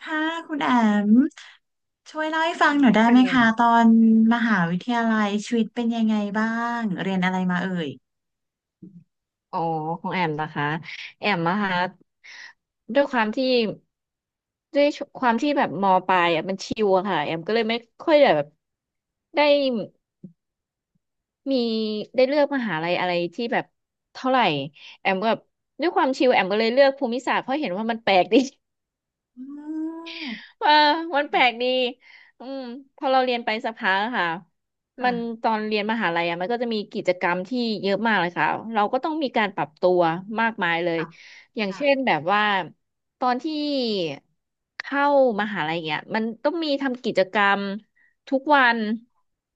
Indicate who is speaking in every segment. Speaker 1: ค่ะคุณแอมช่วยเล่าให้ฟังหน่อยได้
Speaker 2: แอ
Speaker 1: ไหม
Speaker 2: ม
Speaker 1: คะตอนมหาวิทยาลัยชีวิตเป็นยังไงบ้างเรียนอะไรมาเอ่ย
Speaker 2: อ๋อของแอมนะคะแอมนะคะด้วยความที่ด้วยแบบมปลายอ่ะมันชิวอะค่ะแอมก็เลยไม่ค่อยได้แบบได้มีได้เลือกมหาลัยอะไรที่แบบเท่าไหร่แอมก็แบบด้วยความชิวแอมก็เลยเลือกภูมิศาสตร์เพราะเห็นว่ามันแปลกดี
Speaker 1: อืม
Speaker 2: เออมันแปลกดีอืมพอเราเรียนไปสักพักอะค่ะมั
Speaker 1: ค่ะ
Speaker 2: นตอนเรียนมหาลัยอ่ะมันก็จะมีกิจกรรมที่เยอะมากเลยค่ะ เราก็ต้องมีการปรับตัวมากมายเลย
Speaker 1: ค่ะ
Speaker 2: อย่าง
Speaker 1: ค่ะ
Speaker 2: เช่นแบบว่าตอนที่เข้ามหาลัยเนี่ยมันต้องมีทำกิจกรรมทุกวัน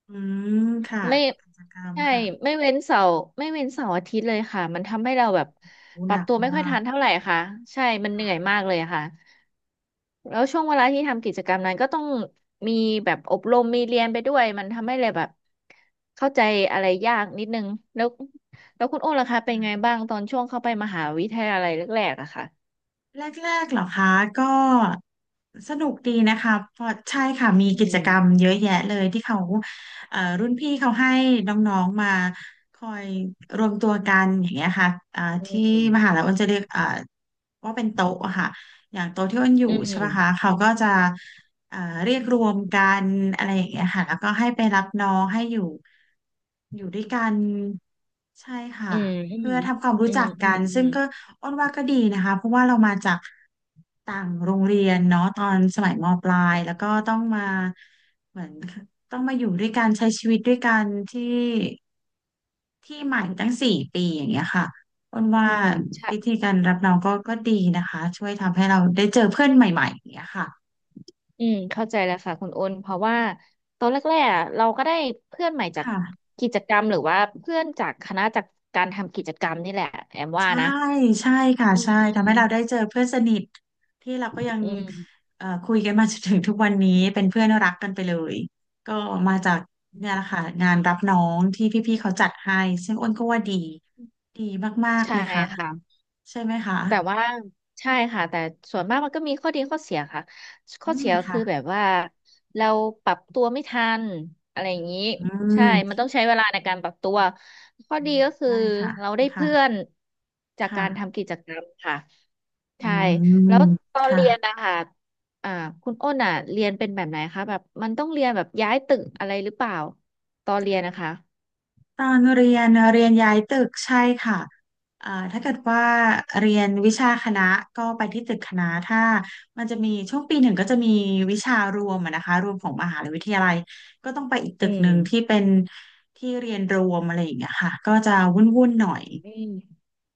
Speaker 1: อืมค่ะ
Speaker 2: ไม่
Speaker 1: กิจกรรม
Speaker 2: ใช่
Speaker 1: ค่ะ
Speaker 2: ไม่เว้นเสาร์ไม่เว้นเสาร์อาทิตย์เลยค่ะมันทำให้เราแบบ
Speaker 1: อู้
Speaker 2: ป
Speaker 1: ห
Speaker 2: รับ
Speaker 1: นัก
Speaker 2: ตัวไม่ค่อย
Speaker 1: มา
Speaker 2: ทั
Speaker 1: ก
Speaker 2: นเท่าไหร่ค่ะ ใช่ มันเห
Speaker 1: ค่
Speaker 2: นื่อยมากเลยอะค่ะ แล้วช่วงเวลาที่ทำกิจกรรมนั้นก็ต้องมีแบบอบรมมีเรียนไปด้วยมันทำให้เลยแบบเข้าใจอะไรยากนิดนึงแล้วแล้วคุณโอ้ล่ะคะเป็นไง
Speaker 1: ะ
Speaker 2: บ้างตอนช่วงเข้าไปมหาวิทยาลัยแรกๆอะค่ะ
Speaker 1: แรกๆเหรอคะก็สนุกดีนะคะเพราะใช่ค่ะมี
Speaker 2: อื
Speaker 1: กิจ
Speaker 2: ม
Speaker 1: กรรมเยอะแยะเลยที่เขารุ่นพี่เขาให้น้องๆมาคอยรวมตัวกันอย่างเงี้ยค่ะ
Speaker 2: อื
Speaker 1: ที่
Speaker 2: ม
Speaker 1: มหาลัยอ้นจะเรียกว่าเป็นโต๊ะอะค่ะอย่างโต๊ะที่อ้นอยู่
Speaker 2: อื
Speaker 1: ใช่ไหมคะ
Speaker 2: ม
Speaker 1: เขาก็จะเรียกรวมกันอะไรอย่างเงี้ยค่ะแล้วก็ให้ไปรับน้องให้อยู่ด้วยกันใช่ค่ะ
Speaker 2: อืมอื
Speaker 1: เพื่
Speaker 2: ม
Speaker 1: อทำความรู้
Speaker 2: อื
Speaker 1: จั
Speaker 2: ม
Speaker 1: ก
Speaker 2: อื
Speaker 1: กั
Speaker 2: ม
Speaker 1: น
Speaker 2: อื
Speaker 1: ซึ่ง
Speaker 2: ม
Speaker 1: ก็อ้นว่าก็ดีนะคะเพราะว่าเรามาจากต่างโรงเรียนเนาะตอนสมัยมปลายแล้วก็ต้องมาเหมือนต้องมาอยู่ด้วยกันใช้ชีวิตด้วยกันที่ที่ใหม่ตั้งสี่ปีอย่างเงี้ยค่ะอ้นว่า
Speaker 2: อืมใช่
Speaker 1: วิธีการรับน้องก็ดีนะคะช่วยทำให้เราได้เจอเพื่อนใหม่ๆอย่างเงี้ยค่ะ
Speaker 2: อืมเข้าใจแล้วค่ะคุณโอนเพราะว่าตอนแรกๆอะเราก็ได้เพื่อนใหม่จาก
Speaker 1: ค่ะ
Speaker 2: กิจกรรมหรือว่าเพื่อนจากคณะจากการทำกิจกรรมนี่แหละแอมว่า
Speaker 1: ใช่
Speaker 2: นะ
Speaker 1: ใช่ค่ะ
Speaker 2: อื
Speaker 1: ใช่
Speaker 2: ม
Speaker 1: ทำให้เราได้เจอเพื่อนสนิทที่เราก็ยัง
Speaker 2: อืม
Speaker 1: คุยกันมาจนถึงทุกวันนี้เป็นเพื่อนรักกันไปเลยก็มาจากเนี่ยแหละค่ะงานรับน้องที่พี่ๆเขาจัดให้ซึ่งอ้นก็ว่าดีดีมากๆ
Speaker 2: ใช่
Speaker 1: เลยค่ะ
Speaker 2: ค่ะ
Speaker 1: ใช่ไหมคะ
Speaker 2: แต่ว่าใช่ค่ะแต่ส่วนมากมันก็มีข้อดีข้อเสียค่ะ
Speaker 1: อื
Speaker 2: ข้อ
Speaker 1: ม
Speaker 2: เสีย
Speaker 1: ค่ะ
Speaker 2: คือแบบว่าเราปรับตัวไม่ทันอะไรอย่างนี้
Speaker 1: อื
Speaker 2: ใช่ มัน
Speaker 1: ม
Speaker 2: ต้องใช้เวลาในการปรับตัวข้อดีก็คือ
Speaker 1: ได้ค่ะ
Speaker 2: เราได้เพื่อน
Speaker 1: ค่ะ
Speaker 2: จากการ
Speaker 1: ค่ะ
Speaker 2: ทำกิจกรรมค่ะ
Speaker 1: อื
Speaker 2: ใช่แล้
Speaker 1: ม
Speaker 2: วตอนเรียน
Speaker 1: ค่ะ
Speaker 2: นะคะอ่าคุณอ้นอ่ะเรียนเป็นแบบไหนคะแบบมันต้องเรียนแบบย้ายตึกอะไรหรือเปล่าตอนเรียนนะคะ
Speaker 1: ตอนเรียนเรียนย้ายตึกใช่ค่ะถ้าเกิดว่าเรียนวิชาคณะก็ไปที่ตึกคณะถ้ามันจะมีช่วงปีหนึ่งก็จะมีวิชารวมอะนะคะรวมของมหาวิทยาลัยก็ต้องไปอีกตึ
Speaker 2: อื
Speaker 1: กห
Speaker 2: ม
Speaker 1: นึ่งที่เป็นที่เรียนรวมอะไรอย่างเงี้ยค่ะก็จะวุ่นๆหน่อย
Speaker 2: อืม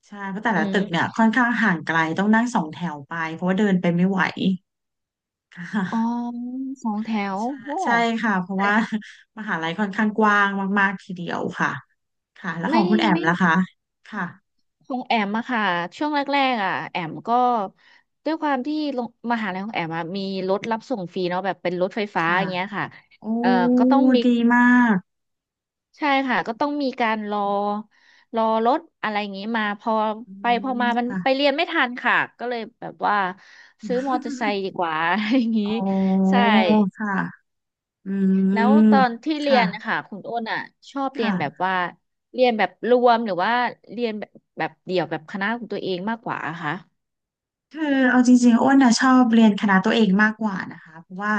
Speaker 1: ใช่เพราะแต่
Speaker 2: อื
Speaker 1: ละ
Speaker 2: ม
Speaker 1: ตึกเนี่ยค่อนข้างห่างไกลต้องนั่งสองแถวไปเพราะว่าเดินไปไม่ไหวค่ะ
Speaker 2: อ๋อสองแถว
Speaker 1: ใช่
Speaker 2: โอ้
Speaker 1: ใช่ค่ะเพราะ
Speaker 2: ไม
Speaker 1: ว่า มหาลัยค่อนข้างกว้างมากๆทีเดียวค่ะค่ะแล้วขอ
Speaker 2: ่
Speaker 1: งคุณแอม
Speaker 2: ไม่
Speaker 1: ล่ะคะค่ะ
Speaker 2: คงแอมอะค่ะช่วงแรกๆอะแอมก็ด้วยความที่โรงมหาลัยของแอมอะมีรถรับส่งฟรีเนาะแบบเป็นรถไฟฟ้า
Speaker 1: ค่ะ
Speaker 2: อย่างเงี้ยค่ะ
Speaker 1: โอ้
Speaker 2: เอ่อก็ต้องมี
Speaker 1: ดีมาก
Speaker 2: ใช่ค่ะก็ต้องมีการรอรถอะไรอย่างงี้มาพอ
Speaker 1: อื
Speaker 2: ไปพอ
Speaker 1: ม
Speaker 2: มามัน
Speaker 1: ค่ะ
Speaker 2: ไปเรียนไม่ทันค่ะก็เลยแบบว่าซื้อมอเตอร์ไซค์ดีก ว่า อะไรอย่างงี้
Speaker 1: โอ้
Speaker 2: ใช่
Speaker 1: ค่ะอื
Speaker 2: แล้ว
Speaker 1: ม
Speaker 2: ตอนที่เรี
Speaker 1: ค่ะ
Speaker 2: ยนนะคะคุณอ้นอ่ะชอบเรียนแบบ
Speaker 1: ค่ะ
Speaker 2: ว่าเรียนแบบรวมหรือว่าเรียนแบบเดี่ยวแบบคณะของตัวเองมากกว่าอะคะ
Speaker 1: คือเอาจริงๆอ้วนนะชอบเรียนคณะตัวเองมากกว่านะคะเพราะว่า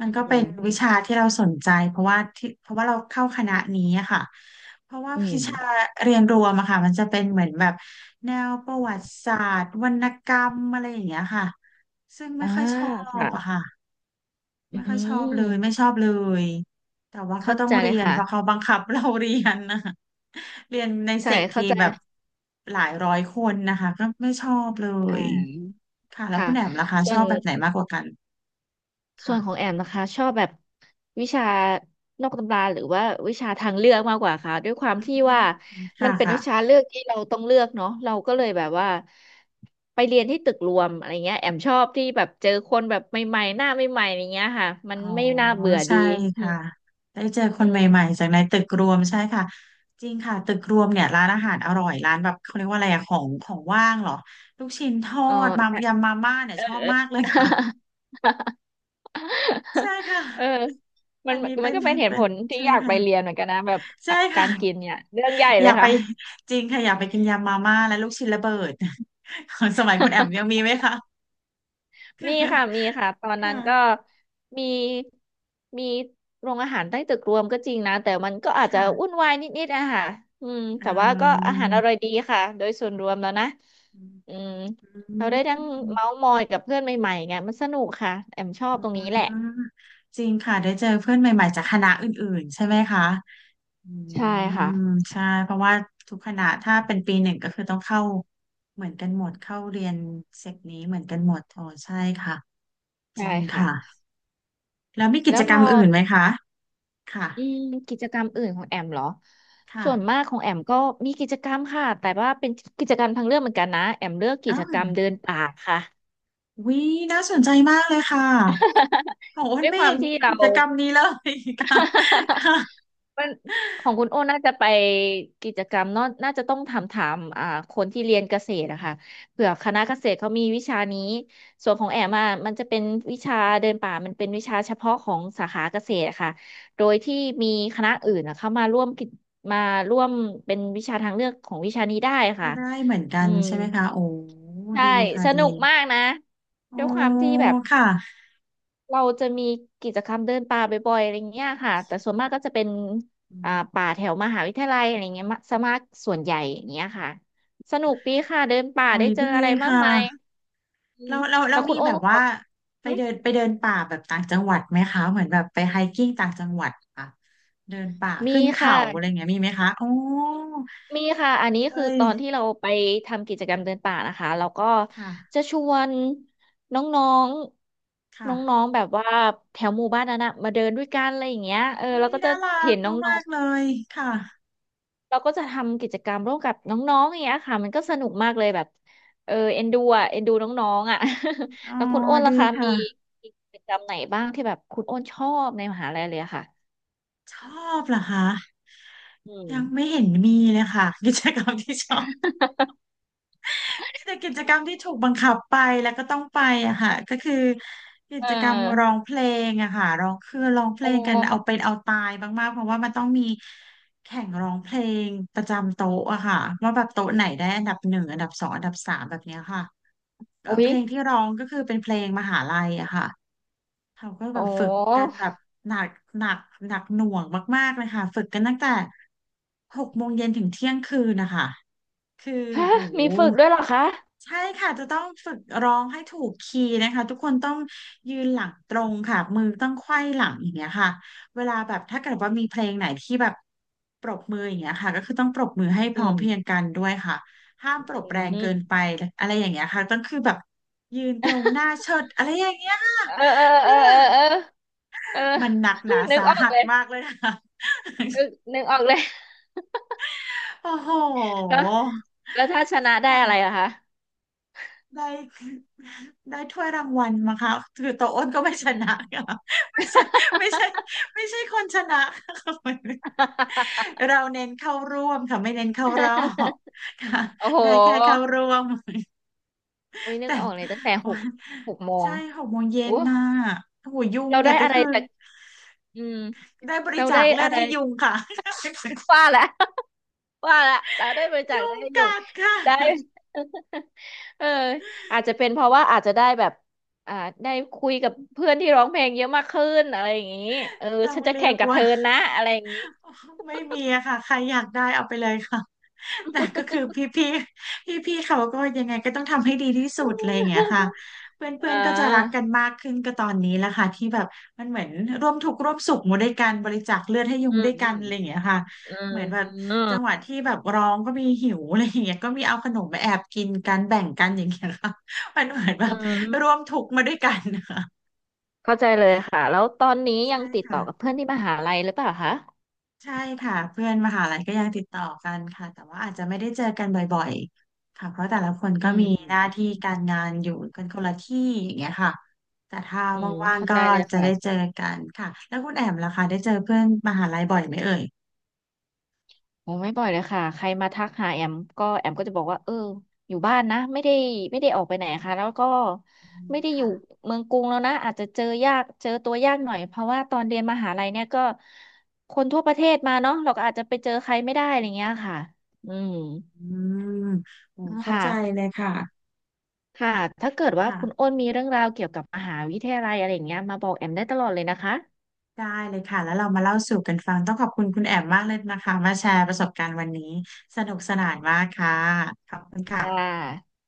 Speaker 1: มัน
Speaker 2: อื
Speaker 1: ก็เป็น
Speaker 2: ม
Speaker 1: วิชาที่เราสนใจเพราะว่าเราเข้าคณะนี้อะค่ะเพราะว่า
Speaker 2: อื
Speaker 1: วิ
Speaker 2: ม
Speaker 1: ชาเรียนรวมอะค่ะมันจะเป็นเหมือนแบบแนวประวัติศาสตร์วรรณกรรมอะไรอย่างเงี้ยค่ะซึ่งไม่
Speaker 2: อ่า
Speaker 1: ค่อยชอบ
Speaker 2: ค่ะ
Speaker 1: อะค่ะ
Speaker 2: อื
Speaker 1: ไม่ค่อยชอบเลยไม่ช
Speaker 2: ม
Speaker 1: อบเลยแต่ว่าก็
Speaker 2: เข้า
Speaker 1: ต้อง
Speaker 2: ใจเล
Speaker 1: เรี
Speaker 2: ย
Speaker 1: ยน
Speaker 2: ค่ะ
Speaker 1: เพราะเขาบังคับเราเรียนนะ เรียนในเซ
Speaker 2: ใช่
Speaker 1: กที
Speaker 2: เข้าใจ
Speaker 1: แบบหลายร้อยคนนะคะก็ไม่ชอบเล
Speaker 2: อ่
Speaker 1: ย
Speaker 2: า
Speaker 1: ค่ะแล้ว
Speaker 2: ค่ะ
Speaker 1: คุณแอมล่ะคะ
Speaker 2: ส่
Speaker 1: ช
Speaker 2: ว
Speaker 1: อ
Speaker 2: น
Speaker 1: บแบบไหนมากกว่ากัน
Speaker 2: ส่
Speaker 1: ค่ะ
Speaker 2: วนของแอมนะคะชอบแบบวิชานอกตำราหรือว่าวิชาทางเลือกมากกว่าค่ะด้วยความที่ว่า
Speaker 1: อืม
Speaker 2: มั
Speaker 1: ค่ะ
Speaker 2: นเป็น
Speaker 1: ค่ะ
Speaker 2: วิชาเลือกที่เราต้องเลือกเนาะเราก็เลยแบบว่าไปเรียนที่ตึกรวมอะไรเงี้ยแอมชอบที่แบบเจอคนแบบใหม่ๆหน้าใหม่ๆอะไรเงี้ยค่ะมัน
Speaker 1: อ๋อ
Speaker 2: ไม่น่าเบื่อ
Speaker 1: ใช่
Speaker 2: ดีอื
Speaker 1: ค่ะ
Speaker 2: ม
Speaker 1: ได้เจอค
Speaker 2: อื
Speaker 1: นใหม่
Speaker 2: ม
Speaker 1: ๆจากในตึกรวมใช่ค่ะจริงค่ะตึกรวมเนี่ยร้านอาหารอร่อยร้านแบบเขาเรียกว่าอะไรอะของของว่างเหรอลูกชิ้นทอ
Speaker 2: เออ
Speaker 1: ดมา
Speaker 2: ใช่
Speaker 1: ยำมาม่าเนี่ย
Speaker 2: เออ
Speaker 1: ชอบ
Speaker 2: เออ
Speaker 1: มากเลยค่ะ ใช่ค่ะ
Speaker 2: เออมั
Speaker 1: อั
Speaker 2: น
Speaker 1: นนี้เป็น
Speaker 2: ก็เป็นเห ตุ
Speaker 1: เป็
Speaker 2: ผ
Speaker 1: น
Speaker 2: ลที่
Speaker 1: ใช่
Speaker 2: อยากไป
Speaker 1: ค่ะ
Speaker 2: เรียนเหมือนกันนะแบบ
Speaker 1: ใช่
Speaker 2: อ่ะกา
Speaker 1: ค่ะ
Speaker 2: รกินเนี่ยเรื่องใหญ่
Speaker 1: อ
Speaker 2: เล
Speaker 1: ยา
Speaker 2: ย
Speaker 1: กไป
Speaker 2: ค่ะ
Speaker 1: จริงค่ะอยากไปกินยำมาม่าและลูกชิ้นระเบิด ของสมัยคุณแอมยัง มีไหมคะคือ
Speaker 2: มีค่ะมีค่ะตอนนั้นก็
Speaker 1: ค่ะ
Speaker 2: มีมีโรงอาหารใต้ตึกรวมก็จริงนะแต่มันก็อาจจะวุ่
Speaker 1: ค่ะ
Speaker 2: นวายนิดๆอะค่ะอืม
Speaker 1: อื
Speaker 2: แต่ว่าก็อาหารอร่อย
Speaker 1: ม
Speaker 2: ดีค่ะโดยส่วนรวมแล้วนะ
Speaker 1: อื
Speaker 2: อืมเราได้ทั้ง
Speaker 1: ม
Speaker 2: เมาท์มอยกับเพื่อนใหม่ๆไงมันสนุกค่ะแอมชอบตรง
Speaker 1: อื
Speaker 2: นี้แหละ
Speaker 1: มจริงค่ะได้เจอเพื่อนใหม่ๆจากคณะอื่นๆใช่ไหมคะอื
Speaker 2: ใช่ค่ะ
Speaker 1: มใช่เพราะว่าทุกคณะถ้าเป็นปีหนึ่งก็คือต้องเข้าเหมือนกันหมดเข้าเรียนเซกนี้เหมือนกันหมดอ๋อใช่ค่ะจ
Speaker 2: ใช่
Speaker 1: ริง
Speaker 2: ค่ะ
Speaker 1: ค่ะแล้วมีกิ
Speaker 2: แล้
Speaker 1: จ
Speaker 2: ว
Speaker 1: ก
Speaker 2: พ
Speaker 1: รร
Speaker 2: อ
Speaker 1: มอื่นไหมคะ ค่ะ
Speaker 2: อืมกิจกรรมอื่นของแอมเหรอ
Speaker 1: ค่ะ
Speaker 2: ส่วนมากของแอมก็มีกิจกรรมค่ะแต่ว่าเป็นกิจกรรมทางเลือกเหมือนกันนะแอมเลือกกิ
Speaker 1: อ้า
Speaker 2: จกรรม
Speaker 1: ว
Speaker 2: เดินป่าค่ะ
Speaker 1: วิน่าสนใจมากเลยค่ะโอ้โหมั
Speaker 2: ด้
Speaker 1: น
Speaker 2: วย
Speaker 1: ไม่
Speaker 2: ควา
Speaker 1: เห็
Speaker 2: ม
Speaker 1: นมี
Speaker 2: ที่เรา
Speaker 1: กิจกรรมนี้เลยค่ะ ค่ะ
Speaker 2: มันของคุณโอ้น่าจะไปกิจกรรมเนอะน่าจะต้องถามอ่าคนที่เรียนเกษตรอะค่ะเผื่อคณะเกษตรเขามีวิชานี้ส่วนของแอมอะมันจะเป็นวิชาเดินป่ามันเป็นวิชาเฉพาะของสาขาเกษตรอะค่ะโดยที่มีคณะอื่นอะเข้ามาร่วมกิจมาร่วมเป็นวิชาทางเลือกของวิชานี้ได้
Speaker 1: ก็
Speaker 2: ค่ะ
Speaker 1: ได้เหมือนกั
Speaker 2: อื
Speaker 1: น
Speaker 2: ม
Speaker 1: ใช่ไหมคะโอ้
Speaker 2: ใช่
Speaker 1: ดีค่ะ
Speaker 2: สนุ
Speaker 1: ดี
Speaker 2: กมากนะ
Speaker 1: โอ้
Speaker 2: ด้วยความที่แบบ
Speaker 1: ค่ะ
Speaker 2: เราจะมีกิจกรรมเดินป่าบ่อยๆอะไรเงี้ยค่ะแต่ส่วนมากก็จะเป็น
Speaker 1: อื
Speaker 2: อ่า
Speaker 1: ม
Speaker 2: ป่าแถวมหาวิทยาลัยอะไรเงี้ยมะซะมากส่วนใหญ่อย่างเงี้ยค่ะสนุกดีค่ะเดินป่า
Speaker 1: โอ้
Speaker 2: ได้
Speaker 1: ย
Speaker 2: เจอ
Speaker 1: ดี
Speaker 2: อะไร
Speaker 1: ค
Speaker 2: มากมาย
Speaker 1: ่ะ
Speaker 2: อืม
Speaker 1: เราเราเรา
Speaker 2: แล้วคุ
Speaker 1: มี
Speaker 2: ณโอ้
Speaker 1: แบ
Speaker 2: น
Speaker 1: บ
Speaker 2: ครั
Speaker 1: ว่า
Speaker 2: บ
Speaker 1: ไปเดินไปเดินป่าแบบต่างจังหวัดไหมคะเหมือนแบบไปไฮกิ้งต่างจังหวัดค่ะเดินป่า
Speaker 2: มี
Speaker 1: ขึ้นเขา
Speaker 2: ค่ะ
Speaker 1: อะไรอย่างเงี้ยมีไหมคะโอ้
Speaker 2: มีค่ะอันนี้
Speaker 1: เล
Speaker 2: คือต
Speaker 1: ย
Speaker 2: อนที่เราไปทำกิจกรรมเดินป่านะคะแล้วก็จะ
Speaker 1: ค่ะ
Speaker 2: ชวนน้องๆ
Speaker 1: ค่ะ
Speaker 2: น้องๆแบบว่าแถวหมู่บ้านนั้นนะมาเดินด้วยกันอะไรอย่างเงี้ยเออ
Speaker 1: อุ้
Speaker 2: เรา
Speaker 1: ย
Speaker 2: ก็จะ
Speaker 1: น่ารั
Speaker 2: เห็
Speaker 1: ก
Speaker 2: นน้อ
Speaker 1: มา
Speaker 2: ง
Speaker 1: กๆเล
Speaker 2: ๆ
Speaker 1: ยค่ะ
Speaker 2: เราก็จะทำกิจกรรมร่วมกับน้องๆอย่างเงี้ยค่ะมันก็สนุกมากเลยแบบเออเอ็นดูอ่ะเอ็นดูน้องๆอ่ะ
Speaker 1: อ๋อ
Speaker 2: แล้วคุณอ้น
Speaker 1: ดี
Speaker 2: ล่ะคะมี
Speaker 1: ค่ะ
Speaker 2: มีกิจกรรมไหนบ้างที่แบบคุณอ้นชอบในมหาลัยเลยอะค่ะ
Speaker 1: ชอบเหรอคะ
Speaker 2: อืม
Speaker 1: ยังไม่เห็นมีเลยค่ะ กิจกรรมที่ชอบ แต่กิจกรรมที่ถูกบังคับไปแล้วก็ต้องไปอะค่ะก็คือกิ
Speaker 2: เ
Speaker 1: จกรรมร้อ
Speaker 2: ออ
Speaker 1: งเพลงอะค่ะร้องคือร้องเพ
Speaker 2: โอ
Speaker 1: ลงกันเอา
Speaker 2: ้
Speaker 1: เป็นเอาตายมากๆเพราะว่ามันต้องมีแข่งร้องเพลงประจำโต๊ะอะค่ะว่าแบบโต๊ะไหนได้อันดับหนึ่งอันดับสองอันดับสามแบบเนี้ยค่ะ
Speaker 2: อุ๊
Speaker 1: เพ
Speaker 2: ย
Speaker 1: ลงที่ร้องก็คือเป็นเพลงมหาลัยอะค่ะ เขาก็แบ
Speaker 2: โอ้
Speaker 1: บฝึกกันแบบหนักหนักหนักหน่วงมากๆเลยค่ะฝึกกันตั้งแต่หกโมงเย็นถึงเที่ยงคืนนะคะคือ
Speaker 2: ฮะ
Speaker 1: โห
Speaker 2: มีฝึกด้วยเหรอคะ
Speaker 1: ใช่ค่ะจะต้องฝึกร้องให้ถูกคีย์นะคะทุกคนต้องยืนหลังตรงค่ะมือต้องไขว้หลังอย่างเงี้ยค่ะเวลาแบบถ้าเกิดว่ามีเพลงไหนที่แบบปรบมืออย่างเงี้ยค่ะก็คือต้องปรบมือให้พ
Speaker 2: อื
Speaker 1: ร้อม
Speaker 2: ม
Speaker 1: เพรียงกันด้วยค่ะห้าม
Speaker 2: อื
Speaker 1: ปรบแรงเกิ
Speaker 2: ม
Speaker 1: นไปอะไรอย่างเงี้ยค่ะต้องคือแบบยืนตรงหน้าเชิดอะไรอย่างเงี้ยค่ะ
Speaker 2: เออเออเออเออเออเออ
Speaker 1: มันหนักหนา
Speaker 2: นึก
Speaker 1: สา
Speaker 2: ออก
Speaker 1: หัส
Speaker 2: เลย
Speaker 1: มากเลยค่ะ
Speaker 2: เออนึกออกเลย
Speaker 1: โอ้โห
Speaker 2: แล้วถ้าชนะได้อะไร
Speaker 1: ค่ะ
Speaker 2: อะคะ
Speaker 1: ได้ได้ถ้วยรางวัลมาค่ะคือโตวอ้นก็ไม่ช
Speaker 2: อื
Speaker 1: นะ
Speaker 2: ม
Speaker 1: ค่ะไม่ใช่ไม่ใช่ไม่ใช่คนชนะค่ะ เราเน้นเข้าร่วมค่ะไม่เน้นเข้ารอบค่ะ
Speaker 2: โอ้โห
Speaker 1: ได้แค่เข้าร่
Speaker 2: โ
Speaker 1: วม
Speaker 2: อุ้ยนึ
Speaker 1: แต่
Speaker 2: กออกเลยตั้งแต่
Speaker 1: โอ้
Speaker 2: หก
Speaker 1: ย
Speaker 2: โม
Speaker 1: ใช่
Speaker 2: ง
Speaker 1: หกโมงเย็
Speaker 2: โอ้
Speaker 1: นน่ะโอ้โหยุง
Speaker 2: เรา
Speaker 1: เนี่
Speaker 2: ได้
Speaker 1: ยก็
Speaker 2: อะไร
Speaker 1: คือ
Speaker 2: จากอืม
Speaker 1: ได้บริ
Speaker 2: เรา
Speaker 1: จา
Speaker 2: ได้
Speaker 1: คเลือ
Speaker 2: อะ
Speaker 1: ด
Speaker 2: ไร
Speaker 1: ให้ยุงค่ะ
Speaker 2: ว่าละ ว่าละเราได้บริจาค
Speaker 1: ยุ
Speaker 2: ได้
Speaker 1: ง
Speaker 2: อยู่
Speaker 1: กัด
Speaker 2: ได้
Speaker 1: ค่ะ
Speaker 2: เอออาจจะเป็นเพราะว่าอาจจะได้แบบอ่าได้คุยกับเพื่อนที่ร้องเพลงเยอะมากขึ้นอะไรอย่างนี้เออ
Speaker 1: ต้อง
Speaker 2: ฉันจะ
Speaker 1: เรี
Speaker 2: แข่
Speaker 1: ยก
Speaker 2: งกับเธ
Speaker 1: ว่า
Speaker 2: อนะอะไรอย่างนี้
Speaker 1: ไม่มีอะค่ะใครอยากได้เอาไปเลยค่ะ แต่ก็คือพี่ๆเขาก็ยังไงก็ต้องทำให้ดีที่สุดอะไรอย่างเงี้ยค่ะ เพื่อนเพื่
Speaker 2: อ่
Speaker 1: อนก็จะรักกัน
Speaker 2: า
Speaker 1: มากขึ้นก็ตอนนี้แหละค่ะที่แบบมันเหมือนร่วมทุกข์ร่วมสุขมาด้วยกันบริจาคเลือดให้ยุ
Speaker 2: อื
Speaker 1: ง
Speaker 2: ม
Speaker 1: ด้วย
Speaker 2: อื
Speaker 1: กัน
Speaker 2: ม
Speaker 1: อะไรอย่างเงี้ยค่ะ
Speaker 2: อื
Speaker 1: เหมือนแบบ
Speaker 2: ม
Speaker 1: จังหวะที่แบบร้องก็มีหิวอะไรอย่างเงี้ยก็มีเอาขนมมาแอบกินกันแบ่งกันอย่างเงี้ยค่ะ มันเหมือนแบ
Speaker 2: อื
Speaker 1: บร่
Speaker 2: ม
Speaker 1: วมทุกข์มาด้วยกันนะคะ
Speaker 2: เข้าใจเลยค่ะแล้วตอนนี้ยั
Speaker 1: ใช่
Speaker 2: งติดต่
Speaker 1: ค่ะ
Speaker 2: อกับเพื่อนที่มหาลัยหรือเปล่าคะ
Speaker 1: ใช่ค่ะเพื่อนมหาลัยก็ยังติดต่อกันค่ะแต่ว่าอาจจะไม่ได้เจอกันบ่อยๆค่ะเพราะแต่ละคน
Speaker 2: อื
Speaker 1: ก็
Speaker 2: ม
Speaker 1: มี
Speaker 2: อ
Speaker 1: หน้า
Speaker 2: ื
Speaker 1: ที่
Speaker 2: ม
Speaker 1: การงานอยู่กันคนละที่อย่างเงี้ยค่ะแต่ถ้า
Speaker 2: อืม
Speaker 1: ว่าง
Speaker 2: เข้า
Speaker 1: ๆก็
Speaker 2: ใจเลย
Speaker 1: จะได้เจ
Speaker 2: ค่ะ
Speaker 1: อกันค่ะแล้วคุณแอมล่ะคะได้เจอเพื่อนมหาลัยบ่อยไหมเอ่ย
Speaker 2: โอ้ไม่บ่อยเลยค่ะใครมาทักหาแอมก็แอมก็จะบอกว่าเอออยู่บ้านนะไม่ได้ไม่ได้ออกไปไหนค่ะแล้วก็
Speaker 1: อืม
Speaker 2: ไม่ได้อยู่
Speaker 1: ค่ะ
Speaker 2: เมืองกรุงแล้วนะอาจจะเจอยากเจอตัวยากหน่อยเพราะว่าตอนเรียนมหาลัยเนี่ยก็คนทั่วประเทศมาเนาะเราก็อาจจะไปเจอใครไม่ได้อะไรเงี้ยค่ะอืม
Speaker 1: อืมโอ้
Speaker 2: ค
Speaker 1: เข้าใจเล
Speaker 2: ่ะ
Speaker 1: ยค่ะ
Speaker 2: ค่ะถ้าเกิดว่า
Speaker 1: ค่ะ
Speaker 2: คุณอ้นมีเรื่องราวเกี่ยวกับมหาวิทยาลัยอะไรอย่างเงี้ยมาบอกแอมได้ตลอดเลยนะคะ
Speaker 1: ได้เลยค่ะแล้วเรามาเล่าสู่กันฟังต้องขอบคุณคุณแอมมากเลยนะคะมาแชร์ประสบการณ์วันนี้สนุกสนานมากค่ะขอบคุณ
Speaker 2: ค่
Speaker 1: ค่ะ
Speaker 2: ะ